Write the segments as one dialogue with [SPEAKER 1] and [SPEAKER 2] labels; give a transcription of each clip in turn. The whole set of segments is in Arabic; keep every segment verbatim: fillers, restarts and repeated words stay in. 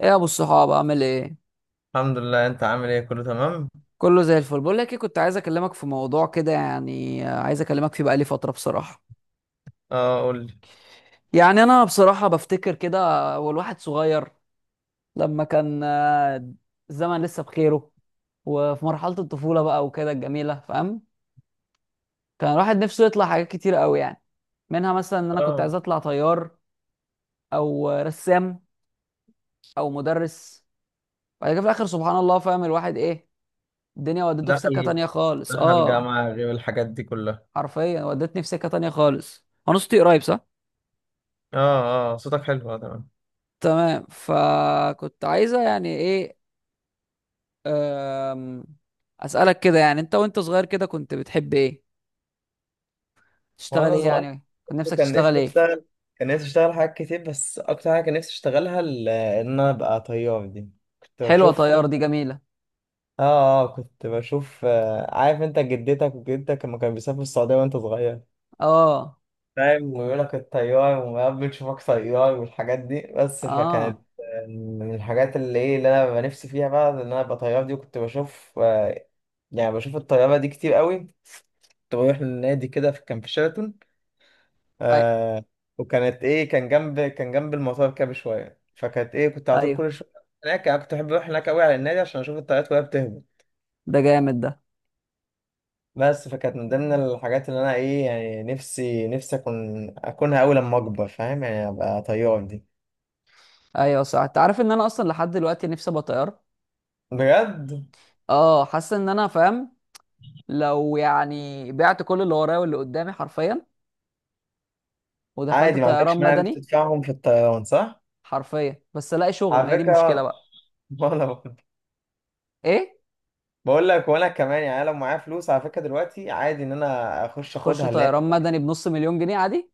[SPEAKER 1] ايه يا ابو الصحاب عامل ايه؟
[SPEAKER 2] الحمد لله. انت عامل ايه؟ كله تمام.
[SPEAKER 1] كله زي الفل. بقول لك ايه، كنت عايز اكلمك في موضوع كده، يعني عايز اكلمك فيه بقالي فتره بصراحه.
[SPEAKER 2] اه قول لي.
[SPEAKER 1] يعني انا بصراحه بفتكر كده، والواحد صغير لما كان آه، الزمن لسه بخيره وفي مرحله الطفوله بقى وكده الجميله، فاهم؟ كان الواحد نفسه يطلع حاجات كتير قوي يعني، منها مثلا ان انا كنت
[SPEAKER 2] اه
[SPEAKER 1] عايز اطلع طيار، او رسام، او مدرس. بعد كده في الاخر سبحان الله، فاهم الواحد ايه، الدنيا ودته في سكه
[SPEAKER 2] دخل
[SPEAKER 1] تانية خالص.
[SPEAKER 2] دخل
[SPEAKER 1] اه،
[SPEAKER 2] جامعة غير الحاجات دي كلها.
[SPEAKER 1] حرفيا ودتني في سكة تانية خالص. انا صوتي قريب صح؟
[SPEAKER 2] اه، اه، صوتك حلو. اه، تمام.
[SPEAKER 1] تمام، فكنت عايزة يعني ايه، أم، اسألك كده، يعني انت وانت صغير كده كنت بتحب ايه؟ تشتغل
[SPEAKER 2] وانا
[SPEAKER 1] ايه؟
[SPEAKER 2] صغير،
[SPEAKER 1] يعني كنت نفسك
[SPEAKER 2] كان نفسي
[SPEAKER 1] تشتغل ايه؟
[SPEAKER 2] اشتغل كان نفسي اشتغل حاجات كتير، بس اكتر حاجة كان نفسي اشتغلها ال- ان انا ابقى طيار دي. كنت
[SPEAKER 1] حلوة
[SPEAKER 2] بشوف. اه
[SPEAKER 1] طيار دي، جميلة.
[SPEAKER 2] اه كنت بشوف. آه، عارف انت جدتك وجدتك لما كانوا بيسافروا السعودية وانت صغير،
[SPEAKER 1] اه،
[SPEAKER 2] فاهم، ويقول لك الطيار، وقبل تشوفك طيار والحاجات دي. بس فكانت
[SPEAKER 1] اه،
[SPEAKER 2] من الحاجات اللي ايه اللي انا ببقى نفسي فيها بقى، ان انا ابقى طيار دي. وكنت بشوف. آه، يعني بشوف الطيارة دي كتير قوي. كنت بروح للنادي كده في- كان في شيراتون.
[SPEAKER 1] ايوه،
[SPEAKER 2] آه وكانت ايه كان جنب كان جنب المطار كده بشوية. فكانت ايه كنت على طول
[SPEAKER 1] ايوه.
[SPEAKER 2] كل شوية هناك. انا كنت بحب اروح هناك قوي على النادي عشان اشوف الطيارات وهي بتهبط.
[SPEAKER 1] ده جامد ده.
[SPEAKER 2] بس فكانت من ضمن الحاجات اللي انا ايه يعني نفسي نفسي اكون اكونها قوي لما اكبر، فاهم؟ يعني ابقى طيار دي.
[SPEAKER 1] ايوه صح، انت عارف ان انا اصلا لحد دلوقتي نفسي ابقى طيار؟
[SPEAKER 2] بجد؟
[SPEAKER 1] اه، حاسس ان انا فاهم. لو يعني بعت كل اللي ورايا واللي قدامي حرفيا ودخلت
[SPEAKER 2] عادي، ما
[SPEAKER 1] طيران
[SPEAKER 2] عندكش مانع انك
[SPEAKER 1] مدني،
[SPEAKER 2] تدفعهم في الطيران صح؟
[SPEAKER 1] حرفيا، بس الاقي شغل، ما هي
[SPEAKER 2] على
[SPEAKER 1] دي المشكله
[SPEAKER 2] فكرة.
[SPEAKER 1] بقى.
[SPEAKER 2] وانا برضه.
[SPEAKER 1] ايه،
[SPEAKER 2] بقول لك وانا كمان يعني، أنا لو معايا فلوس على فكرة دلوقتي عادي ان انا اخش
[SPEAKER 1] تخش
[SPEAKER 2] اخدها اللي هي.
[SPEAKER 1] طيران مدني بنص مليون جنيه عادي؟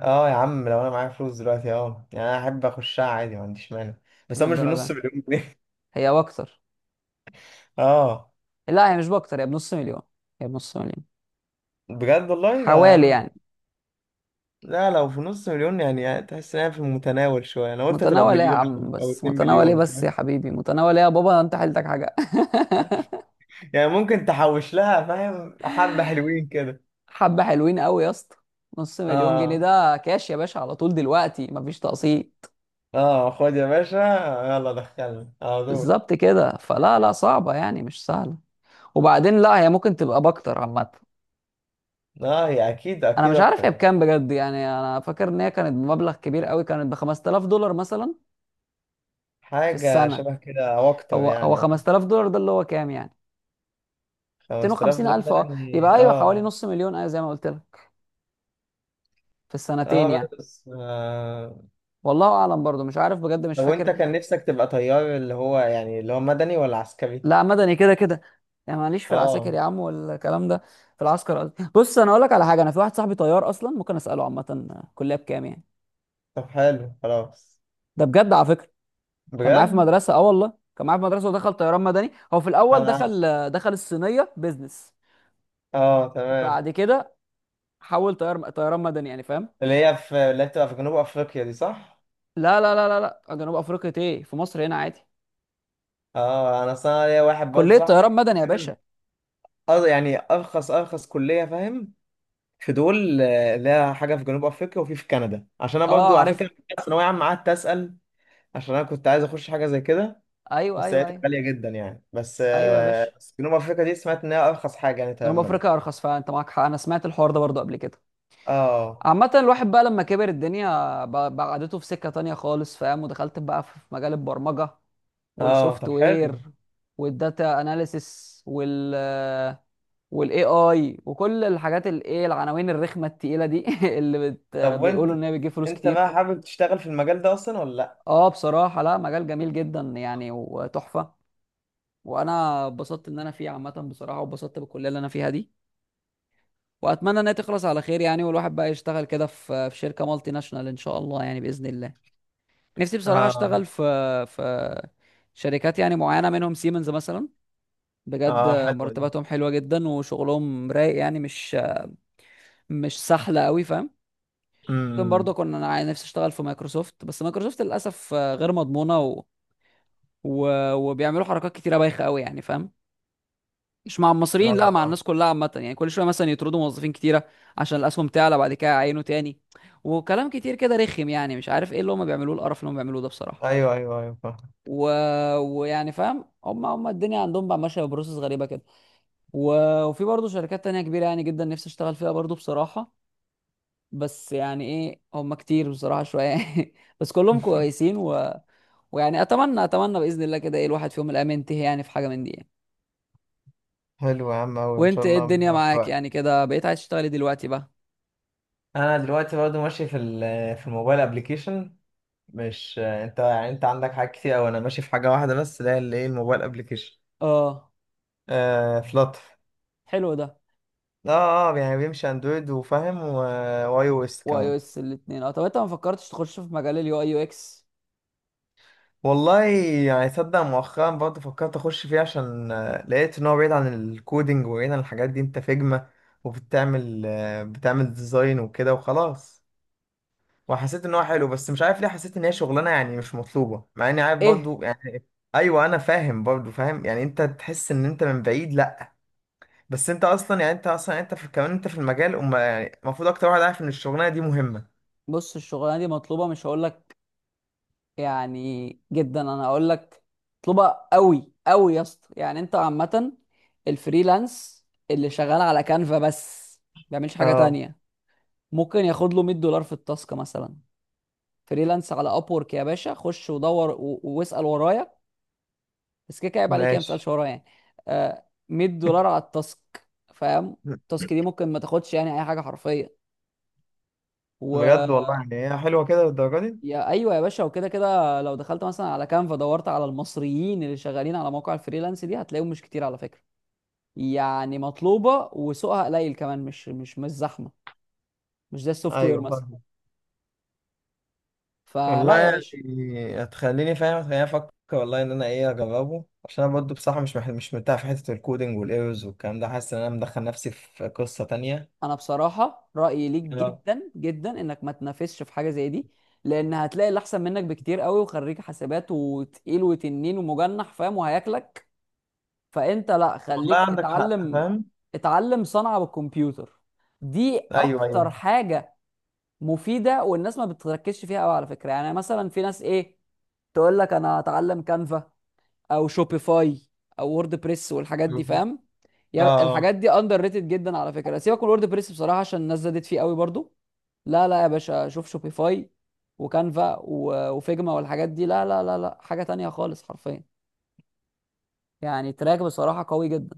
[SPEAKER 2] اه يا عم، لو انا معايا فلوس دلوقتي، اه يعني انا احب اخشها عادي، ما عنديش مانع. بس انا مش
[SPEAKER 1] للدرجه
[SPEAKER 2] بنص
[SPEAKER 1] دي،
[SPEAKER 2] مليون جنيه.
[SPEAKER 1] هي واكتر.
[SPEAKER 2] اه،
[SPEAKER 1] لا هي مش باكتر، هي بنص مليون، هي بنص مليون
[SPEAKER 2] بجد والله لا يا
[SPEAKER 1] حوالي
[SPEAKER 2] عم.
[SPEAKER 1] يعني.
[SPEAKER 2] لا، لو في نص مليون، يعني, يعني تحس انها في المتناول شوية. انا قلت هتبقى
[SPEAKER 1] متناول ايه يا
[SPEAKER 2] بمليون او
[SPEAKER 1] عم،
[SPEAKER 2] أو
[SPEAKER 1] بس
[SPEAKER 2] اتنين
[SPEAKER 1] متناول ايه،
[SPEAKER 2] مليون،
[SPEAKER 1] بس يا
[SPEAKER 2] فاهم؟
[SPEAKER 1] حبيبي متناول ايه يا بابا، انت حيلتك حاجه؟
[SPEAKER 2] يعني ممكن تحوش لها، فاهم؟ حبة حلوين كده.
[SPEAKER 1] حبه حلوين قوي يا اسطى. نص مليون جنيه
[SPEAKER 2] اه،
[SPEAKER 1] ده كاش يا باشا، على طول دلوقتي مفيش تقسيط.
[SPEAKER 2] اه، خد يا باشا، يلا دخلنا على طول.
[SPEAKER 1] بالظبط كده، فلا لا، صعبه يعني، مش سهله. وبعدين لا، هي ممكن تبقى باكتر عامه.
[SPEAKER 2] اه، هي اكيد
[SPEAKER 1] انا
[SPEAKER 2] اكيد
[SPEAKER 1] مش عارف
[SPEAKER 2] اكتر
[SPEAKER 1] هي
[SPEAKER 2] يعني.
[SPEAKER 1] بكام بجد، يعني انا فاكر ان هي كانت بمبلغ كبير قوي، كانت ب خمسة آلاف دولار مثلا في
[SPEAKER 2] حاجة
[SPEAKER 1] السنة.
[SPEAKER 2] شبه كده او اكتر
[SPEAKER 1] هو هو
[SPEAKER 2] يعني اه
[SPEAKER 1] خمس تلاف دولار ده اللي هو كام يعني؟
[SPEAKER 2] 5000
[SPEAKER 1] ميتين وخمسين
[SPEAKER 2] دولار
[SPEAKER 1] ألف،
[SPEAKER 2] ده
[SPEAKER 1] اه،
[SPEAKER 2] يعني.
[SPEAKER 1] يبقى أيوه حوالي
[SPEAKER 2] اه
[SPEAKER 1] نص مليون، أيوه زي ما قلت لك، في السنتين
[SPEAKER 2] اه
[SPEAKER 1] يعني.
[SPEAKER 2] بس. آه.
[SPEAKER 1] والله أعلم، برضو مش عارف بجد، مش
[SPEAKER 2] طب
[SPEAKER 1] فاكر.
[SPEAKER 2] وانت كان نفسك تبقى طيار، اللي هو يعني اللي هو مدني ولا عسكري؟
[SPEAKER 1] لا مدني كده كده، يعني معليش في العساكر
[SPEAKER 2] اه،
[SPEAKER 1] يا عم والكلام ده، في العسكر قصدي. بص أنا أقول لك على حاجة، أنا في واحد صاحبي طيار أصلا، ممكن أسأله عامة كلية بكام يعني.
[SPEAKER 2] طب حلو خلاص.
[SPEAKER 1] ده بجد على فكرة، كان معايا في
[SPEAKER 2] بجد.
[SPEAKER 1] مدرسة، اه والله كان معايا في مدرسة، ودخل طيران مدني. هو في الأول
[SPEAKER 2] انا ع-
[SPEAKER 1] دخل دخل الصينية بيزنس،
[SPEAKER 2] اه تمام.
[SPEAKER 1] بعد كده حول طيار طيران مدني يعني، فاهم؟
[SPEAKER 2] اللي هي في اللي هي بتبقى في جنوب افريقيا دي صح؟
[SPEAKER 1] لا لا لا لا، لا جنوب افريقيا ايه، في مصر هنا عادي،
[SPEAKER 2] اه، انا اصلا ليا واحد برضه
[SPEAKER 1] كليه طيران
[SPEAKER 2] صاحبي.
[SPEAKER 1] مدني يا باشا.
[SPEAKER 2] اه، يعني ارخص ارخص كلية، فاهم؟ في دول آه، لها حاجه في جنوب افريقيا، وفي في كندا، عشان انا برضو
[SPEAKER 1] اه
[SPEAKER 2] على فكره
[SPEAKER 1] عارفها،
[SPEAKER 2] في ثانويه عامه قعدت اسال، عشان انا كنت عايز اخش حاجه زي كده.
[SPEAKER 1] ايوه
[SPEAKER 2] بس
[SPEAKER 1] ايوه
[SPEAKER 2] لقيتها
[SPEAKER 1] ايوه.
[SPEAKER 2] غاليه جدا يعني، بس
[SPEAKER 1] ايوه يا باشا،
[SPEAKER 2] آه، بس جنوب افريقيا دي سمعت ان هي ارخص حاجه، يعني
[SPEAKER 1] جنوب
[SPEAKER 2] تمام
[SPEAKER 1] افريقيا
[SPEAKER 2] ده.
[SPEAKER 1] ارخص، فانت معاك حق، انا سمعت الحوار ده برضه قبل كده.
[SPEAKER 2] اه،
[SPEAKER 1] عامة الواحد بقى لما كبر، الدنيا ب- بعدته في سكة تانية خالص، فاهم، ودخلت بقى في في مجال البرمجة
[SPEAKER 2] اه،
[SPEAKER 1] والسوفت
[SPEAKER 2] طب حلو.
[SPEAKER 1] وير والداتا اناليسيس وال والاي اي وكل الحاجات الايه العناوين الرخمة التقيلة دي، اللي بت...
[SPEAKER 2] طب وانت
[SPEAKER 1] بيقولوا ان هي بتجيب فلوس
[SPEAKER 2] انت
[SPEAKER 1] كتير.
[SPEAKER 2] بقى حابب تشتغل في المجال ده اصلا ولا لا؟
[SPEAKER 1] اه بصراحة لا، مجال جميل جدا يعني وتحفة، وانا اتبسطت ان انا فيه عامة بصراحة، واتبسطت بالكلية اللي انا فيها دي، واتمنى انها تخلص على خير يعني، والواحد بقى يشتغل كده في في شركة مالتي ناشونال ان شاء الله يعني بإذن الله. نفسي بصراحة
[SPEAKER 2] اه،
[SPEAKER 1] اشتغل في في شركات يعني معينة، منهم سيمنز مثلا، بجد
[SPEAKER 2] اه، حلوه دي.
[SPEAKER 1] مرتباتهم حلوة جدا وشغلهم رايق يعني، مش مش سهلة قوي، فاهم؟ ممكن برضه
[SPEAKER 2] امم.
[SPEAKER 1] كنا، انا نفسي اشتغل في مايكروسوفت، بس مايكروسوفت للاسف غير مضمونة، و... و... وبيعملوا حركات كتيرة بايخة قوي يعني، فاهم؟ مش مع المصريين، لا مع
[SPEAKER 2] اه،
[SPEAKER 1] الناس كلها عامة يعني. كل شوية مثلا يطردوا موظفين كتيرة عشان الأسهم تعلى، بعد كده يعينوا تاني، وكلام كتير كده رخم، يعني مش عارف ايه اللي هم بيعملوه، القرف اللي هم بيعملوه ده بصراحة.
[SPEAKER 2] ايوه، ايوه، ايوه، فاهم.
[SPEAKER 1] و... ويعني فاهم، هم هم الدنيا عندهم بقى ماشية ببروسس غريبة كده، و... وفي برضه شركات تانية كبيرة يعني جدا نفسي اشتغل فيها برضه بصراحة، بس يعني ايه، هم كتير بصراحة شوية. بس كلهم كويسين، و... ويعني اتمنى اتمنى بإذن الله كده ايه الواحد في يوم من الايام ينتهي يعني في حاجة من دي يعني.
[SPEAKER 2] حلو يا عم أوي، إن شاء
[SPEAKER 1] وانت ايه
[SPEAKER 2] الله ربنا
[SPEAKER 1] الدنيا معاك
[SPEAKER 2] يوفقك.
[SPEAKER 1] يعني، كده بقيت عايز تشتغلي دلوقتي بقى؟
[SPEAKER 2] أنا دلوقتي برضه ماشي في ال- آه، في الموبايل أبليكيشن. مش انت، يعني انت عندك حاجات كتير اوي. انا ماشي في حاجه واحده بس، اللي هي اللي ايه الموبايل ابلكيشن.
[SPEAKER 1] اه
[SPEAKER 2] آه فلاتر.
[SPEAKER 1] حلو ده.
[SPEAKER 2] اه، اه، يعني بيمشي اندرويد وفاهم و- واي او اس
[SPEAKER 1] واي او
[SPEAKER 2] كمان.
[SPEAKER 1] اس الاثنين، اه طب انت ما فكرتش تخش في مجال اليو اي يو اكس؟
[SPEAKER 2] والله يعني صدق، مؤخرا برضه فكرت اخش فيه عشان آه، لقيت ان هو بعيد عن الكودينج وبعيد عن الحاجات دي، انت فيجما وبتعمل آه، بتعمل ديزاين وكده وخلاص. وحسيت ان هو حلو، بس مش عارف ليه حسيت ان هي شغلانه يعني مش مطلوبه، مع اني عارف
[SPEAKER 1] ايه؟
[SPEAKER 2] برضه يعني. ايوه انا فاهم برضه، فاهم يعني. انت تحس ان انت من بعيد، لا، بس انت اصلا يعني انت اصلا يعني انت في كمان انت في المجال، وما يعني المفروض اكتر واحد عارف ان الشغلانه دي مهمه.
[SPEAKER 1] بص الشغلانه دي مطلوبه، مش هقول لك يعني جدا، انا هقول لك مطلوبه قوي قوي يا اسطى، يعني انت عامه الفريلانس اللي شغال على كانفا بس ما بيعملش حاجه
[SPEAKER 2] اه،
[SPEAKER 1] تانية ممكن ياخد له ميت دولار في التاسك مثلا. فريلانس على اب وورك يا باشا، خش ودور و- واسال ورايا، بس كده كده عيب عليك يعني ما تسالش
[SPEAKER 2] ماشي.
[SPEAKER 1] ورايا يعني. آه، ميت دولار على التاسك، فاهم؟ التاسك دي ممكن ما تاخدش يعني اي حاجه حرفيا. و،
[SPEAKER 2] بجد والله، يعني هي حلوه كده للدرجه دي؟
[SPEAKER 1] يا ايوه يا باشا، وكده كده لو دخلت مثلا على كانفا دورت على المصريين اللي شغالين على مواقع الفريلانس دي، هتلاقيهم مش كتير على فكره، يعني مطلوبه وسوقها قليل كمان، مش مش مش زحمه، مش زي السوفت وير
[SPEAKER 2] ايوه،
[SPEAKER 1] مثلا.
[SPEAKER 2] فاهم.
[SPEAKER 1] فلا
[SPEAKER 2] والله
[SPEAKER 1] يا باشا،
[SPEAKER 2] يعني، هتخليني فاهم هتخليني افكر والله ان انا ايه اجربه، عشان انا برضه بصراحه مش مح- مش مرتاح في حته الكودينج والايرورز والكلام ده، حاسس ان انا مدخل نفسي في قصه تانية.
[SPEAKER 1] انا بصراحه رايي ليك
[SPEAKER 2] اه،
[SPEAKER 1] جدا جدا انك ما تنافسش في حاجه زي دي، لان هتلاقي اللي احسن منك بكتير قوي، وخريج حسابات وتقيل وتنين ومجنح، فاهم؟ وهياكلك. فانت لا،
[SPEAKER 2] والله
[SPEAKER 1] خليك
[SPEAKER 2] عندك حق،
[SPEAKER 1] اتعلم،
[SPEAKER 2] فاهم.
[SPEAKER 1] اتعلم صنعه بالكمبيوتر، دي
[SPEAKER 2] ايوه، ايوه،
[SPEAKER 1] اكتر حاجه مفيده والناس ما بتركزش فيها قوي على فكره. يعني مثلا في ناس ايه، تقول لك انا هتعلم كانفا، او شوبيفاي، او وورد بريس والحاجات دي، فاهم؟
[SPEAKER 2] اه.
[SPEAKER 1] يا الحاجات
[SPEAKER 2] آه.
[SPEAKER 1] دي اندر ريتد جدا على فكره. سيبك من وورد بريس بصراحه عشان الناس زادت فيه قوي برضو. لا لا يا باشا، شوف شوبيفاي وكانفا و- وفيجما والحاجات دي، لا لا لا لا، حاجه تانية خالص حرفيا يعني، تراك بصراحه قوي جدا.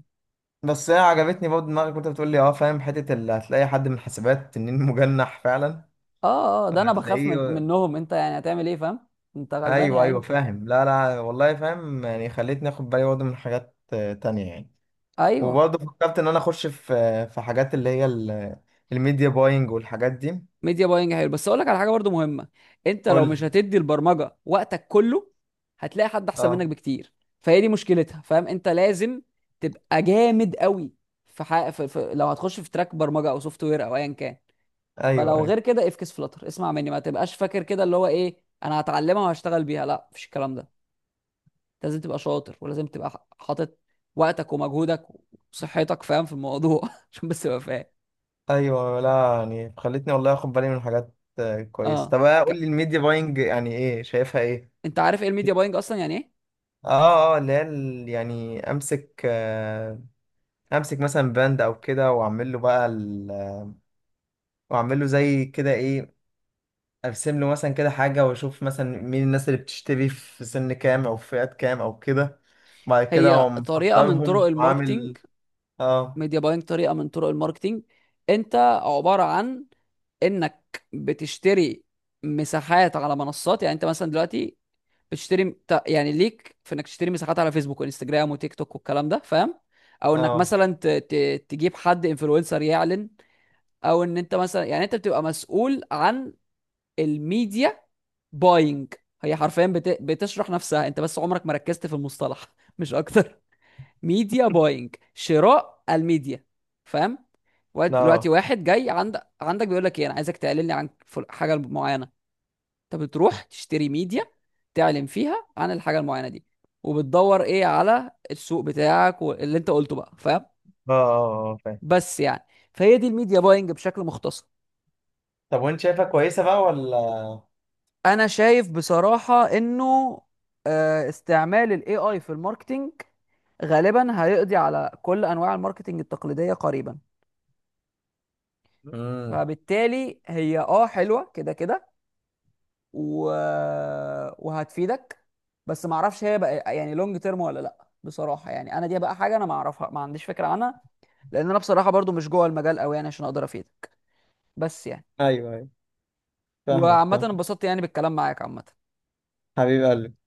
[SPEAKER 2] بس هي عجبتني برضه دماغك وانت بتقول لي، اه فاهم، حته اللي هتلاقي حد من حسابات تنين مجنح فعلا.
[SPEAKER 1] اه اه، ده انا بخاف من
[SPEAKER 2] هتلاقيه.
[SPEAKER 1] منهم انت يعني هتعمل ايه، فاهم؟ انت غلبان يا
[SPEAKER 2] ايوه، ايوه،
[SPEAKER 1] عيني.
[SPEAKER 2] فاهم. لا، لا، والله فاهم يعني. خليتني اخد بالي برضه من حاجات آه، تانية يعني.
[SPEAKER 1] ايوه،
[SPEAKER 2] وبرضه فكرت ان انا اخش في في حاجات اللي هي ال- الميديا باينج والحاجات دي.
[SPEAKER 1] ميديا باينج حلو، بس اقول لك على حاجه برضو مهمه، انت
[SPEAKER 2] قول
[SPEAKER 1] لو
[SPEAKER 2] لي.
[SPEAKER 1] مش هتدي البرمجه وقتك كله هتلاقي حد احسن منك
[SPEAKER 2] اه،
[SPEAKER 1] بكتير، فهي دي مشكلتها، فاهم؟ انت لازم تبقى جامد قوي في، حق... في... في... لو هتخش في تراك برمجه او سوفت وير او ايا كان،
[SPEAKER 2] ايوه،
[SPEAKER 1] فلو
[SPEAKER 2] ايوه،
[SPEAKER 1] غير كده افكس فلتر، اسمع مني، ما تبقاش فاكر كده اللي هو ايه انا هتعلمها وهشتغل بيها، لا مفيش الكلام ده. أنت لازم تبقى شاطر، ولازم تبقى ح- حاطط وقتك ومجهودك وصحتك، فاهم، في الموضوع عشان بس تبقى فاهم.
[SPEAKER 2] ايوه. لا يعني خليتني والله اخد بالي من حاجات آه، كويسه.
[SPEAKER 1] اه،
[SPEAKER 2] طب، آه، قول
[SPEAKER 1] ك...
[SPEAKER 2] لي، الميديا باينج يعني ايه، شايفها ايه؟
[SPEAKER 1] انت عارف ايه الميديا باينج اصلا يعني ايه؟
[SPEAKER 2] اه، اه، اللي هي ال- يعني امسك آه، امسك مثلا باند او كده، واعمل له بقى ال... واعمل له زي كده ايه، ارسم له مثلا كده حاجه، واشوف مثلا مين الناس اللي بتشتري في سن كام او في فئات كام او كده. بعد كده
[SPEAKER 1] هي
[SPEAKER 2] اقوم
[SPEAKER 1] طريقة من طرق
[SPEAKER 2] مختارهم
[SPEAKER 1] الماركتينج.
[SPEAKER 2] وعامل. اه،
[SPEAKER 1] ميديا باينج طريقة من طرق الماركتينج. انت عبارة عن انك بتشتري مساحات على منصات، يعني انت مثلا دلوقتي بتشتري ت- يعني ليك في انك تشتري مساحات على فيسبوك وانستجرام وتيك توك والكلام ده، فاهم؟ او انك
[SPEAKER 2] اه،
[SPEAKER 1] مثلا ت... ت... تجيب حد انفلونسر يعلن، او ان انت مثلا يعني انت بتبقى مسؤول عن الميديا باينج. هي حرفيا بت... بتشرح نفسها، انت بس عمرك ما ركزت في المصطلح مش اكتر. ميديا باينج، شراء الميديا، فاهم؟ واد-
[SPEAKER 2] لا،
[SPEAKER 1] دلوقتي
[SPEAKER 2] اه،
[SPEAKER 1] واحد جاي عند عندك بيقول لك ايه انا عايزك تعلن لي عن فل- حاجه معينه، انت بتروح تشتري ميديا تعلن فيها عن الحاجه المعينه دي، وبتدور ايه على السوق بتاعك واللي انت قلته بقى، فاهم؟
[SPEAKER 2] اه. آه، آه، فاهم.
[SPEAKER 1] بس يعني، فهي دي الميديا باينج بشكل مختصر.
[SPEAKER 2] طب وانت شايفها كويسه بقى ولا؟
[SPEAKER 1] انا شايف بصراحه انه آه، استعمال الاي اي في الماركتينج غالبا هيقضي على كل انواع الماركتينج التقليديه قريبا،
[SPEAKER 2] امم.
[SPEAKER 1] فبالتالي هي اه حلوه كده كده، و... وهتفيدك، بس ما اعرفش هي بقى يعني لونج تيرم ولا لا بصراحه، يعني انا دي بقى حاجه انا ما اعرفها، ما عنديش فكره عنها، لان انا بصراحه برضو مش جوه المجال قوي يعني عشان اقدر افيدك، بس يعني.
[SPEAKER 2] ايوه، ايوه، فاهمك
[SPEAKER 1] وعامه
[SPEAKER 2] فاهم.
[SPEAKER 1] انبسطت يعني بالكلام معاك عامه.
[SPEAKER 2] حبيب قلبي.